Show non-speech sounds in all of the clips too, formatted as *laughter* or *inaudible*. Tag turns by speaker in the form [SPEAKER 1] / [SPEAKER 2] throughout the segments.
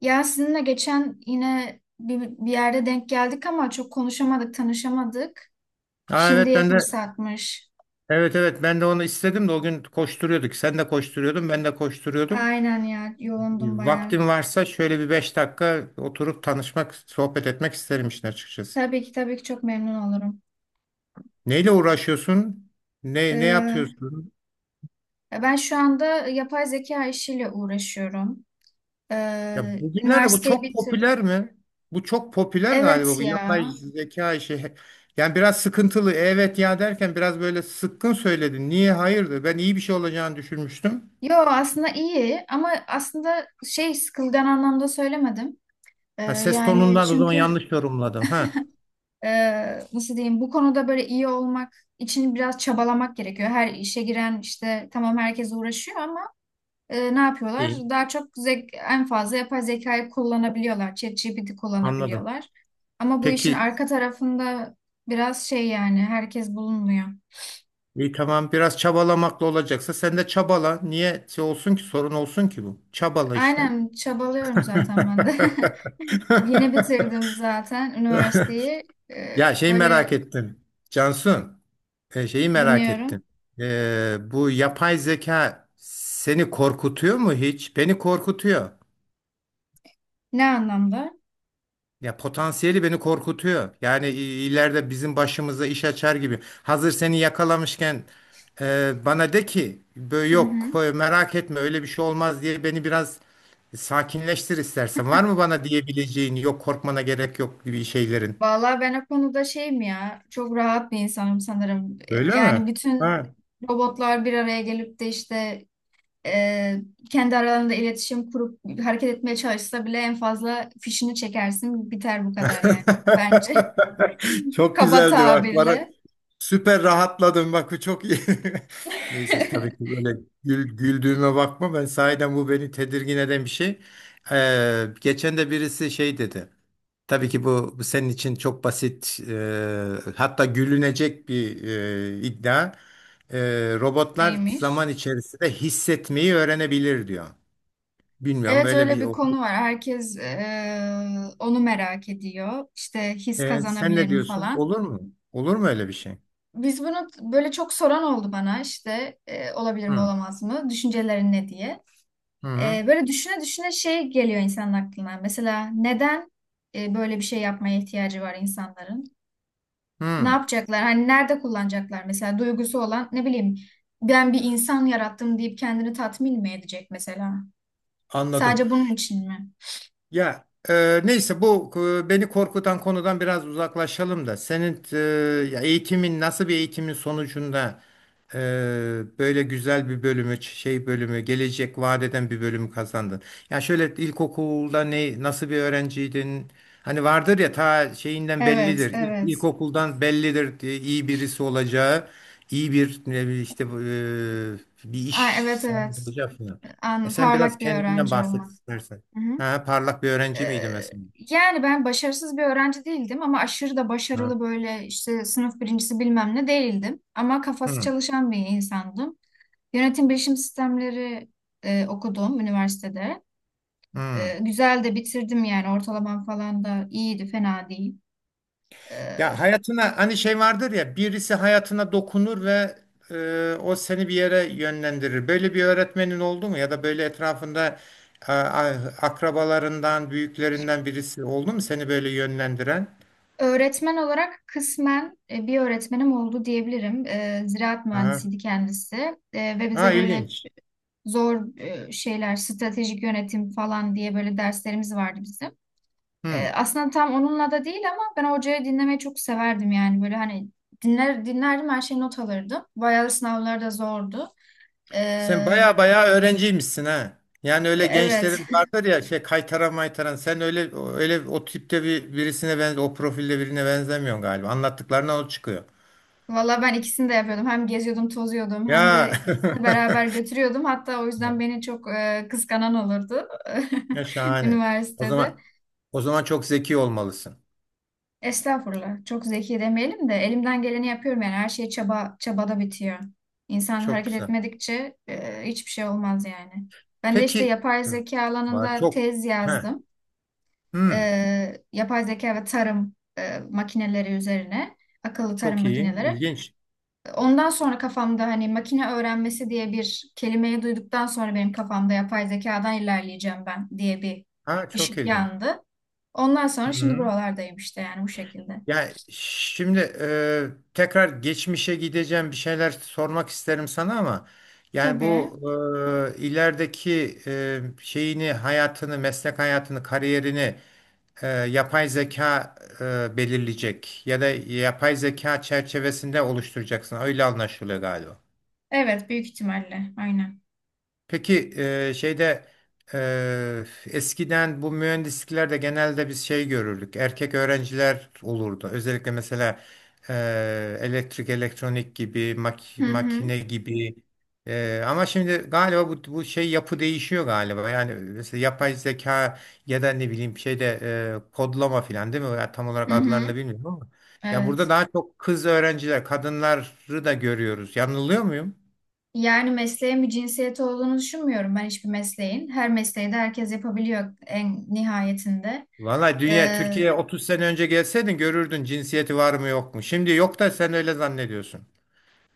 [SPEAKER 1] Ya sizinle geçen yine bir yerde denk geldik ama çok konuşamadık, tanışamadık.
[SPEAKER 2] Ha, evet
[SPEAKER 1] Şimdiye
[SPEAKER 2] ben de.
[SPEAKER 1] fırsatmış.
[SPEAKER 2] Evet, evet, ben de onu istedim de o gün koşturuyorduk. Sen de koşturuyordun, ben de koşturuyordum.
[SPEAKER 1] Aynen ya, yoğundum bayağı.
[SPEAKER 2] Vaktim varsa şöyle bir 5 dakika oturup tanışmak, sohbet etmek isterim işin açıkçası.
[SPEAKER 1] Tabii ki tabii ki, çok memnun olurum.
[SPEAKER 2] Neyle uğraşıyorsun? Ne
[SPEAKER 1] Ee,
[SPEAKER 2] yapıyorsun?
[SPEAKER 1] Ben şu anda yapay zeka işiyle uğraşıyorum.
[SPEAKER 2] Ya bugünlerde bu
[SPEAKER 1] Üniversiteyi
[SPEAKER 2] çok
[SPEAKER 1] bitir.
[SPEAKER 2] popüler mi? Bu çok popüler galiba,
[SPEAKER 1] Evet
[SPEAKER 2] bu yapay
[SPEAKER 1] ya.
[SPEAKER 2] zeka işi. Yani biraz sıkıntılı. Evet ya derken biraz böyle sıkkın söyledin. Niye, hayırdır? Ben iyi bir şey olacağını düşünmüştüm.
[SPEAKER 1] Yo, aslında iyi ama aslında şey, sıkılgan anlamda söylemedim.
[SPEAKER 2] Ha, ses
[SPEAKER 1] Yani
[SPEAKER 2] tonundan o zaman
[SPEAKER 1] çünkü...
[SPEAKER 2] yanlış yorumladım. Ha.
[SPEAKER 1] Nasıl diyeyim, bu konuda böyle iyi olmak için biraz çabalamak gerekiyor. Her işe giren işte, tamam, herkes uğraşıyor ama ne yapıyorlar?
[SPEAKER 2] İyi.
[SPEAKER 1] Daha çok en fazla yapay zekayı kullanabiliyorlar. ChatGPT
[SPEAKER 2] Anladım.
[SPEAKER 1] kullanabiliyorlar. Ama bu işin
[SPEAKER 2] Peki,
[SPEAKER 1] arka tarafında biraz şey, yani herkes bulunmuyor.
[SPEAKER 2] iyi, tamam, biraz çabalamakla olacaksa sen de çabala. Niye şey olsun ki, sorun olsun ki bu? Çabala işte.
[SPEAKER 1] Aynen, çabalıyorum zaten ben de. *laughs* Yeni bitirdim
[SPEAKER 2] *laughs*
[SPEAKER 1] zaten üniversiteyi.
[SPEAKER 2] Ya, şeyi merak
[SPEAKER 1] Böyle,
[SPEAKER 2] ettim. Cansun, şeyi merak ettim.
[SPEAKER 1] dinliyorum.
[SPEAKER 2] Bu yapay zeka seni korkutuyor mu hiç? Beni korkutuyor.
[SPEAKER 1] Ne anlamda?
[SPEAKER 2] Ya, potansiyeli beni korkutuyor. İleride bizim başımıza iş açar gibi. Hazır seni yakalamışken bana de ki "Bö-
[SPEAKER 1] Hı
[SPEAKER 2] yok
[SPEAKER 1] hı.
[SPEAKER 2] e, merak etme, öyle bir şey olmaz diye beni biraz sakinleştir istersen. Var mı bana diyebileceğin yok, korkmana gerek yok gibi şeylerin?
[SPEAKER 1] Vallahi ben o konuda şeyim ya, çok rahat bir insanım sanırım.
[SPEAKER 2] Öyle mi?
[SPEAKER 1] Yani bütün
[SPEAKER 2] Ha.
[SPEAKER 1] robotlar bir araya gelip de işte e, kendi aralarında iletişim kurup hareket etmeye çalışsa bile en fazla fişini çekersin, biter bu kadar yani bence.
[SPEAKER 2] *laughs*
[SPEAKER 1] *laughs*
[SPEAKER 2] Çok
[SPEAKER 1] Kaba
[SPEAKER 2] güzeldi bak.
[SPEAKER 1] tabirle.
[SPEAKER 2] Süper rahatladım, bak bu çok iyi. *laughs* Neyse, tabii ki böyle güldüğüme bakma, ben sahiden bu beni tedirgin eden bir şey. Geçen de birisi şey dedi. Tabii ki bu, bu senin için çok basit, hatta gülünecek bir iddia. Robotlar
[SPEAKER 1] Neymiş?
[SPEAKER 2] zaman içerisinde hissetmeyi öğrenebilir diyor. Bilmiyorum,
[SPEAKER 1] Evet,
[SPEAKER 2] böyle
[SPEAKER 1] öyle
[SPEAKER 2] bir.
[SPEAKER 1] bir konu var. Herkes onu merak ediyor. İşte his
[SPEAKER 2] Sen
[SPEAKER 1] kazanabilir
[SPEAKER 2] ne
[SPEAKER 1] mi
[SPEAKER 2] diyorsun?
[SPEAKER 1] falan.
[SPEAKER 2] Olur mu? Olur mu öyle bir şey?
[SPEAKER 1] Biz bunu böyle, çok soran oldu bana işte olabilir mi
[SPEAKER 2] Hı.
[SPEAKER 1] olamaz mı? Düşüncelerin ne diye.
[SPEAKER 2] Hı hı.
[SPEAKER 1] Böyle düşüne düşüne şey geliyor insanın aklına. Mesela neden böyle bir şey yapmaya ihtiyacı var insanların? Ne
[SPEAKER 2] Hı.
[SPEAKER 1] yapacaklar? Hani nerede kullanacaklar? Mesela duygusu olan, ne bileyim, ben bir insan yarattım deyip kendini tatmin mi edecek mesela?
[SPEAKER 2] Anladım.
[SPEAKER 1] Sadece bunun için mi?
[SPEAKER 2] Ya, neyse bu beni korkutan konudan biraz uzaklaşalım da senin ya, eğitimin nasıl bir eğitimin sonucunda e, böyle güzel bir bölümü, şey bölümü, gelecek vaat eden bir bölümü kazandın. Ya, şöyle ilkokulda nasıl bir öğrenciydin? Hani vardır ya, ta şeyinden
[SPEAKER 1] Evet,
[SPEAKER 2] bellidir.
[SPEAKER 1] evet.
[SPEAKER 2] İlkokuldan bellidir diye, iyi birisi olacağı, iyi bir ne bileyim işte bir
[SPEAKER 1] Aa,
[SPEAKER 2] iş
[SPEAKER 1] evet,
[SPEAKER 2] sahibi
[SPEAKER 1] evet.
[SPEAKER 2] olacağı falan. E, sen biraz
[SPEAKER 1] Parlak bir
[SPEAKER 2] kendinden
[SPEAKER 1] öğrenci
[SPEAKER 2] bahset
[SPEAKER 1] olmak.
[SPEAKER 2] istersen.
[SPEAKER 1] Hı hı.
[SPEAKER 2] Ha, parlak bir öğrenci
[SPEAKER 1] Ee,
[SPEAKER 2] miydi mesela?
[SPEAKER 1] Yani ben başarısız bir öğrenci değildim ama aşırı da
[SPEAKER 2] Ha.
[SPEAKER 1] başarılı, böyle işte sınıf birincisi bilmem ne değildim. Ama kafası
[SPEAKER 2] Hı,
[SPEAKER 1] çalışan bir insandım. Yönetim bilişim sistemleri okudum üniversitede.
[SPEAKER 2] hı.
[SPEAKER 1] Güzel de bitirdim yani, ortalamam falan da iyiydi, fena değil. E,
[SPEAKER 2] Ya, hayatına hani şey vardır ya, birisi hayatına dokunur ve o seni bir yere yönlendirir. Böyle bir öğretmenin oldu mu, ya da böyle etrafında akrabalarından, büyüklerinden birisi oldu mu seni böyle yönlendiren?
[SPEAKER 1] Öğretmen olarak kısmen bir öğretmenim oldu diyebilirim. E, ziraat
[SPEAKER 2] Ha,
[SPEAKER 1] mühendisiydi kendisi. Ve
[SPEAKER 2] ha
[SPEAKER 1] bize böyle
[SPEAKER 2] ilginç.
[SPEAKER 1] zor şeyler, stratejik yönetim falan diye, böyle derslerimiz vardı bizim.
[SPEAKER 2] Hı.
[SPEAKER 1] Aslında tam onunla da değil ama ben hocayı dinlemeyi çok severdim yani, böyle hani dinler dinlerdim her şeyi, not alırdım. Bayağı da sınavlar da zordu. E,
[SPEAKER 2] Sen baya baya öğrenciymişsin ha. Yani, öyle
[SPEAKER 1] Evet.
[SPEAKER 2] gençlerin vardır ya, şey, kaytaran maytaran, sen öyle öyle o tipte birisine, benze o profilde birine benzemiyorsun galiba. Anlattıklarına o çıkıyor.
[SPEAKER 1] Valla ben ikisini de yapıyordum. Hem geziyordum, tozuyordum, hem
[SPEAKER 2] Ya,
[SPEAKER 1] de ikisini beraber götürüyordum. Hatta o yüzden
[SPEAKER 2] *laughs*
[SPEAKER 1] beni çok kıskanan olurdu
[SPEAKER 2] ya
[SPEAKER 1] *laughs*
[SPEAKER 2] şahane. O
[SPEAKER 1] üniversitede.
[SPEAKER 2] zaman O zaman çok zeki olmalısın.
[SPEAKER 1] Estağfurullah. Çok zeki demeyelim de, elimden geleni yapıyorum yani. Her şey çaba, çabada bitiyor. İnsan
[SPEAKER 2] Çok
[SPEAKER 1] hareket
[SPEAKER 2] güzel.
[SPEAKER 1] etmedikçe hiçbir şey olmaz yani. Ben de işte
[SPEAKER 2] Peki.
[SPEAKER 1] yapay
[SPEAKER 2] Hı.
[SPEAKER 1] zeka
[SPEAKER 2] Vay,
[SPEAKER 1] alanında
[SPEAKER 2] çok
[SPEAKER 1] tez
[SPEAKER 2] he.
[SPEAKER 1] yazdım. E,
[SPEAKER 2] Hmm,
[SPEAKER 1] Yapay zeka ve tarım makineleri üzerine. Akıllı tarım
[SPEAKER 2] çok iyi.
[SPEAKER 1] makineleri.
[SPEAKER 2] İlginç.
[SPEAKER 1] Ondan sonra, kafamda hani makine öğrenmesi diye bir kelimeyi duyduktan sonra, benim kafamda yapay zekadan ilerleyeceğim ben diye bir
[SPEAKER 2] Ha, çok
[SPEAKER 1] ışık
[SPEAKER 2] ilginç.
[SPEAKER 1] yandı. Ondan sonra şimdi
[SPEAKER 2] Hı.
[SPEAKER 1] buralardayım işte, yani bu şekilde.
[SPEAKER 2] Yani şimdi tekrar geçmişe gideceğim, bir şeyler sormak isterim sana ama yani
[SPEAKER 1] Tabii.
[SPEAKER 2] bu ilerideki şeyini, hayatını, meslek hayatını, kariyerini yapay zeka belirleyecek ya da yapay zeka çerçevesinde oluşturacaksın, öyle anlaşılıyor galiba.
[SPEAKER 1] Evet, büyük ihtimalle. Aynen.
[SPEAKER 2] Peki şeyde eskiden bu mühendisliklerde genelde biz şey görürdük. Erkek öğrenciler olurdu. Özellikle mesela elektrik, elektronik gibi,
[SPEAKER 1] Hı hı.
[SPEAKER 2] makine gibi. Ama şimdi galiba bu, bu şey, yapı değişiyor galiba. Yani mesela yapay zeka ya da ne bileyim şeyde kodlama falan değil mi? Ya, tam olarak
[SPEAKER 1] Hı hı.
[SPEAKER 2] adlarını bilmiyorum ama. Ya, burada
[SPEAKER 1] Evet.
[SPEAKER 2] daha çok kız öğrenciler, kadınları da görüyoruz. Yanılıyor muyum?
[SPEAKER 1] Yani mesleğin bir cinsiyeti olduğunu düşünmüyorum ben, hiçbir mesleğin. Her mesleği de herkes yapabiliyor en nihayetinde.
[SPEAKER 2] Vallahi, dünya
[SPEAKER 1] Ee,
[SPEAKER 2] Türkiye'ye 30 sene önce gelseydin görürdün cinsiyeti var mı yok mu. Şimdi yok da sen öyle zannediyorsun.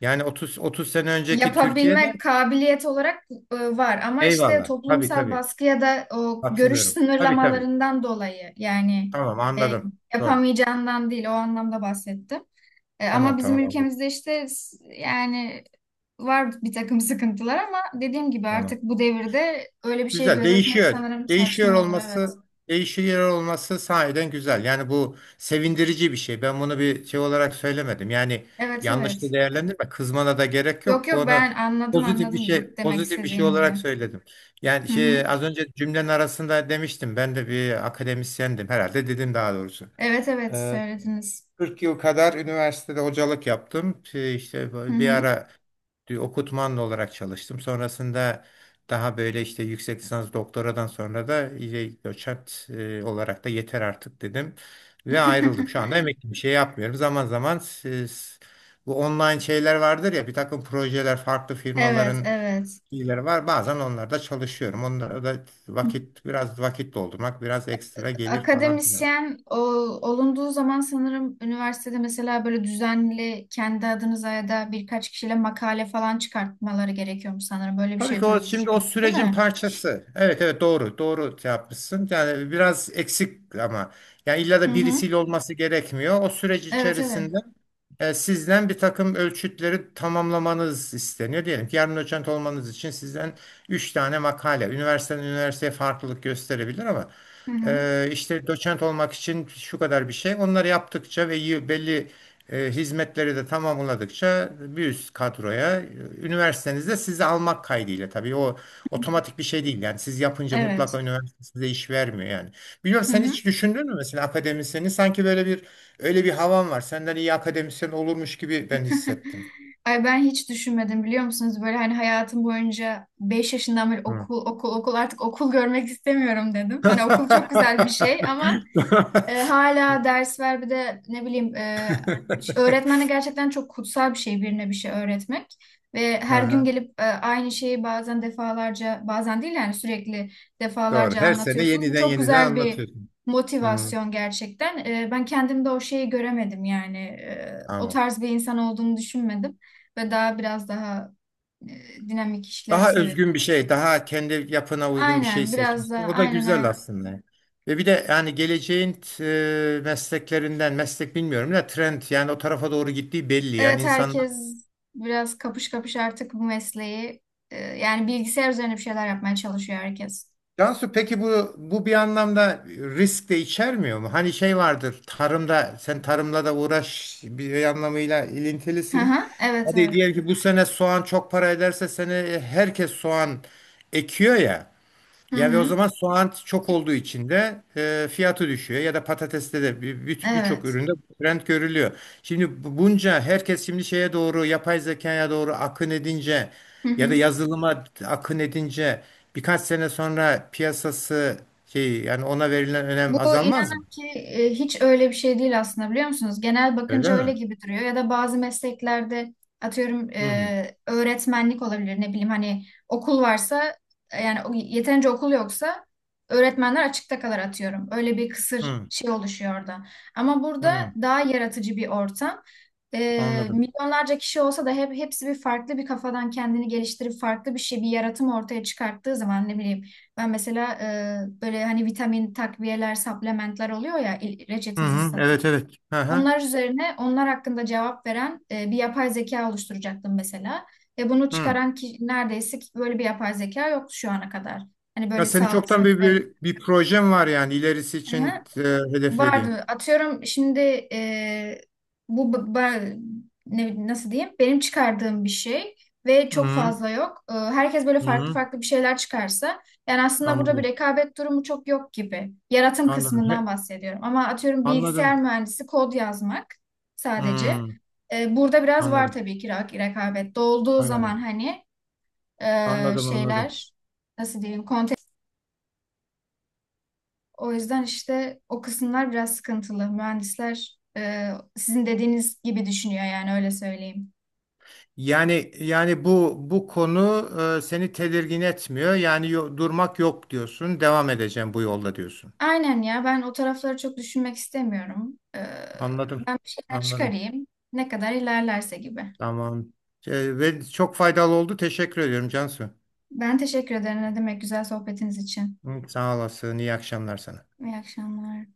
[SPEAKER 2] Yani 30 sene önceki Türkiye'de.
[SPEAKER 1] Yapabilmek, kabiliyet olarak var ama işte
[SPEAKER 2] Eyvallah. Tabii,
[SPEAKER 1] toplumsal
[SPEAKER 2] tabii.
[SPEAKER 1] baskı ya da o görüş
[SPEAKER 2] Katılıyorum. Tabii, tabii.
[SPEAKER 1] sınırlamalarından dolayı yani,
[SPEAKER 2] Tamam,
[SPEAKER 1] e,
[SPEAKER 2] anladım. Doğru.
[SPEAKER 1] yapamayacağından değil o anlamda bahsettim. Ama
[SPEAKER 2] Tamam,
[SPEAKER 1] bizim
[SPEAKER 2] tamam, anladım.
[SPEAKER 1] ülkemizde işte yani var bir takım sıkıntılar, ama dediğim gibi
[SPEAKER 2] Tamam.
[SPEAKER 1] artık bu devirde öyle bir şey
[SPEAKER 2] Güzel,
[SPEAKER 1] gözetmek
[SPEAKER 2] değişiyor.
[SPEAKER 1] sanırım
[SPEAKER 2] Değişiyor
[SPEAKER 1] saçma olur, evet.
[SPEAKER 2] olması, değişiyor olması sahiden güzel. Yani bu sevindirici bir şey. Ben bunu bir şey olarak söylemedim. Yani,
[SPEAKER 1] Evet,
[SPEAKER 2] yanlış da
[SPEAKER 1] evet.
[SPEAKER 2] değerlendirme. Kızmana da gerek
[SPEAKER 1] Yok
[SPEAKER 2] yok.
[SPEAKER 1] yok,
[SPEAKER 2] Onu
[SPEAKER 1] ben anladım anladım demek
[SPEAKER 2] pozitif bir şey
[SPEAKER 1] istediğinizi.
[SPEAKER 2] olarak söyledim. Yani
[SPEAKER 1] Hı
[SPEAKER 2] şey,
[SPEAKER 1] hı.
[SPEAKER 2] az önce cümlenin arasında demiştim. Ben de bir akademisyendim herhalde dedim, daha doğrusu.
[SPEAKER 1] Evet, evet, söylediniz.
[SPEAKER 2] 40 yıl kadar üniversitede hocalık yaptım. İşte
[SPEAKER 1] Hı
[SPEAKER 2] bir
[SPEAKER 1] hı.
[SPEAKER 2] ara okutmanlı olarak çalıştım. Sonrasında daha böyle işte, yüksek lisans, doktoradan sonra da iyice, doçent olarak da yeter artık dedim ve ayrıldım. Şu anda
[SPEAKER 1] *laughs*
[SPEAKER 2] emekli, bir şey yapmıyorum. Zaman zaman, siz, bu online şeyler vardır ya, bir takım projeler, farklı
[SPEAKER 1] Evet,
[SPEAKER 2] firmaların
[SPEAKER 1] evet.
[SPEAKER 2] şeyleri var. Bazen onlarda çalışıyorum. Onlara da vakit, biraz vakit doldurmak, biraz ekstra gelir falan filan.
[SPEAKER 1] Akademisyen olunduğu zaman sanırım üniversitede mesela, böyle düzenli kendi adınıza ya da birkaç kişiyle makale falan çıkartmaları gerekiyormuş sanırım. Böyle bir
[SPEAKER 2] Tabii
[SPEAKER 1] şey
[SPEAKER 2] ki o, şimdi o
[SPEAKER 1] duymuştum, değil
[SPEAKER 2] sürecin
[SPEAKER 1] mi?
[SPEAKER 2] parçası. Evet, evet, doğru doğru şey yapmışsın. Yani biraz eksik ama yani, illa
[SPEAKER 1] Hı
[SPEAKER 2] da
[SPEAKER 1] hı.
[SPEAKER 2] birisiyle olması gerekmiyor. O süreç
[SPEAKER 1] Evet, evet.
[SPEAKER 2] içerisinde sizden bir takım ölçütleri tamamlamanız isteniyor. Diyelim ki yarın doçent olmanız için sizden 3 tane makale. Üniversiteden üniversiteye farklılık gösterebilir ama
[SPEAKER 1] Hı hı.
[SPEAKER 2] işte doçent olmak için şu kadar bir şey. Onları yaptıkça ve belli hizmetleri de tamamladıkça bir üst kadroya, üniversitenizde sizi almak kaydıyla tabii, o otomatik bir şey değil. Yani siz yapınca
[SPEAKER 1] Evet.
[SPEAKER 2] mutlaka üniversite size iş vermiyor yani. Biliyorum,
[SPEAKER 1] Hı
[SPEAKER 2] sen
[SPEAKER 1] hı.
[SPEAKER 2] hiç düşündün mü mesela, akademisyeni sanki, böyle bir, öyle bir havan var. Senden iyi akademisyen olurmuş gibi ben
[SPEAKER 1] *laughs*
[SPEAKER 2] hissettim.
[SPEAKER 1] Ay, ben hiç düşünmedim, biliyor musunuz? Böyle hani, hayatım boyunca 5 yaşından beri
[SPEAKER 2] Hı.
[SPEAKER 1] okul, okul, okul, artık okul görmek istemiyorum dedim. Hani okul çok
[SPEAKER 2] *laughs*
[SPEAKER 1] güzel bir şey ama hala ders ver, bir de ne bileyim, öğretmenle gerçekten çok kutsal bir şey, birine bir şey öğretmek. Ve
[SPEAKER 2] Hı
[SPEAKER 1] her gün
[SPEAKER 2] hı,
[SPEAKER 1] gelip aynı şeyi, bazen defalarca, bazen değil yani sürekli
[SPEAKER 2] doğru.
[SPEAKER 1] defalarca
[SPEAKER 2] Her sene
[SPEAKER 1] anlatıyorsunuz. Bu
[SPEAKER 2] yeniden
[SPEAKER 1] çok
[SPEAKER 2] yeniden
[SPEAKER 1] güzel bir
[SPEAKER 2] anlatıyorsun. Hı,
[SPEAKER 1] motivasyon gerçekten. Ben kendimde o şeyi göremedim yani. O
[SPEAKER 2] tamam.
[SPEAKER 1] tarz bir insan olduğumu düşünmedim. Ve daha biraz daha dinamik işleri
[SPEAKER 2] Daha
[SPEAKER 1] seviyorum.
[SPEAKER 2] özgün bir şey, daha kendi yapına uygun bir şey
[SPEAKER 1] Aynen, biraz
[SPEAKER 2] seçmişsin.
[SPEAKER 1] daha,
[SPEAKER 2] O da
[SPEAKER 1] aynen
[SPEAKER 2] güzel
[SPEAKER 1] aynen.
[SPEAKER 2] aslında. Ve bir de yani geleceğin mesleklerinden, meslek bilmiyorum da, trend yani o tarafa doğru gittiği belli. Yani
[SPEAKER 1] Evet,
[SPEAKER 2] insanlar.
[SPEAKER 1] herkes biraz kapış kapış artık bu mesleği, yani bilgisayar üzerine bir şeyler yapmaya çalışıyor herkes.
[SPEAKER 2] Cansu, peki bu bir anlamda risk de içermiyor mu? Hani şey vardır, tarımda, sen tarımla da uğraş, bir anlamıyla
[SPEAKER 1] Hı
[SPEAKER 2] ilintilisin.
[SPEAKER 1] hı, evet
[SPEAKER 2] Hadi
[SPEAKER 1] evet.
[SPEAKER 2] diyelim ki bu sene soğan çok para ederse, seni, herkes soğan ekiyor ya.
[SPEAKER 1] Hı
[SPEAKER 2] Ya, ve o
[SPEAKER 1] hı,
[SPEAKER 2] zaman soğan çok olduğu için de fiyatı düşüyor, ya da patateste de, birçok
[SPEAKER 1] evet.
[SPEAKER 2] üründe bu trend görülüyor. Şimdi bunca herkes şimdi şeye doğru, yapay zekaya doğru akın edince
[SPEAKER 1] Hı
[SPEAKER 2] ya da
[SPEAKER 1] hı.
[SPEAKER 2] yazılıma akın edince, birkaç sene sonra piyasası, şey yani, ona verilen
[SPEAKER 1] Bu,
[SPEAKER 2] önem azalmaz mı?
[SPEAKER 1] inanın ki, hiç öyle bir şey değil aslında, biliyor musunuz? Genel
[SPEAKER 2] Öyle
[SPEAKER 1] bakınca öyle
[SPEAKER 2] mi?
[SPEAKER 1] gibi duruyor, ya da bazı mesleklerde atıyorum
[SPEAKER 2] Hı
[SPEAKER 1] öğretmenlik olabilir, ne bileyim, hani okul varsa, yani yeterince okul yoksa öğretmenler açıkta kalır atıyorum. Öyle bir kısır
[SPEAKER 2] hı
[SPEAKER 1] şey oluşuyor orada. Ama burada
[SPEAKER 2] hı,
[SPEAKER 1] daha yaratıcı bir ortam.
[SPEAKER 2] anladım.
[SPEAKER 1] Milyonlarca kişi olsa da hep hepsi bir farklı bir kafadan kendini geliştirip farklı bir şey, bir yaratım ortaya çıkarttığı zaman, ne bileyim ben mesela böyle hani vitamin takviyeler, supplementler oluyor ya,
[SPEAKER 2] Hı
[SPEAKER 1] reçetesiz
[SPEAKER 2] hı,
[SPEAKER 1] satın.
[SPEAKER 2] evet evet. Hı hı.
[SPEAKER 1] Onlar üzerine, onlar hakkında cevap veren bir yapay zeka oluşturacaktım mesela. Ve bunu
[SPEAKER 2] Hı.
[SPEAKER 1] çıkaran ki, neredeyse ki böyle bir yapay zeka yoktu şu ana kadar. Hani
[SPEAKER 2] Ya,
[SPEAKER 1] böyle
[SPEAKER 2] senin
[SPEAKER 1] sağlık
[SPEAKER 2] çoktan
[SPEAKER 1] sektörü.
[SPEAKER 2] bir projen var yani, ilerisi için hedeflediğin.
[SPEAKER 1] Vardı. Atıyorum şimdi e, bu b- ba- ne, nasıl diyeyim? Benim çıkardığım bir şey ve çok
[SPEAKER 2] Hı.
[SPEAKER 1] fazla yok. Herkes böyle
[SPEAKER 2] Hı
[SPEAKER 1] farklı
[SPEAKER 2] hı,
[SPEAKER 1] farklı bir şeyler çıkarsa, yani aslında burada bir
[SPEAKER 2] anladım.
[SPEAKER 1] rekabet durumu çok yok gibi. Yaratım
[SPEAKER 2] Anladım.
[SPEAKER 1] kısmından bahsediyorum. Ama atıyorum bilgisayar
[SPEAKER 2] Anladım.
[SPEAKER 1] mühendisi kod yazmak sadece.
[SPEAKER 2] Hmm,
[SPEAKER 1] Burada biraz var
[SPEAKER 2] anladım.
[SPEAKER 1] tabii ki rekabet. Dolduğu zaman
[SPEAKER 2] Anladım.
[SPEAKER 1] hani,
[SPEAKER 2] Anladım, anladım.
[SPEAKER 1] şeyler, nasıl diyeyim? O yüzden işte o kısımlar biraz sıkıntılı. Mühendisler sizin dediğiniz gibi düşünüyor yani, öyle söyleyeyim.
[SPEAKER 2] Yani bu, konu seni tedirgin etmiyor. Yani durmak yok diyorsun. Devam edeceğim bu yolda diyorsun.
[SPEAKER 1] Aynen ya, ben o tarafları çok düşünmek istemiyorum.
[SPEAKER 2] Anladım.
[SPEAKER 1] Ben bir şeyler
[SPEAKER 2] Anladım.
[SPEAKER 1] çıkarayım, ne kadar ilerlerse gibi.
[SPEAKER 2] Tamam. Ve çok faydalı oldu. Teşekkür ediyorum Cansu.
[SPEAKER 1] Ben teşekkür ederim, ne demek, güzel sohbetiniz için.
[SPEAKER 2] Hı, sağ olasın. İyi akşamlar sana.
[SPEAKER 1] İyi akşamlar.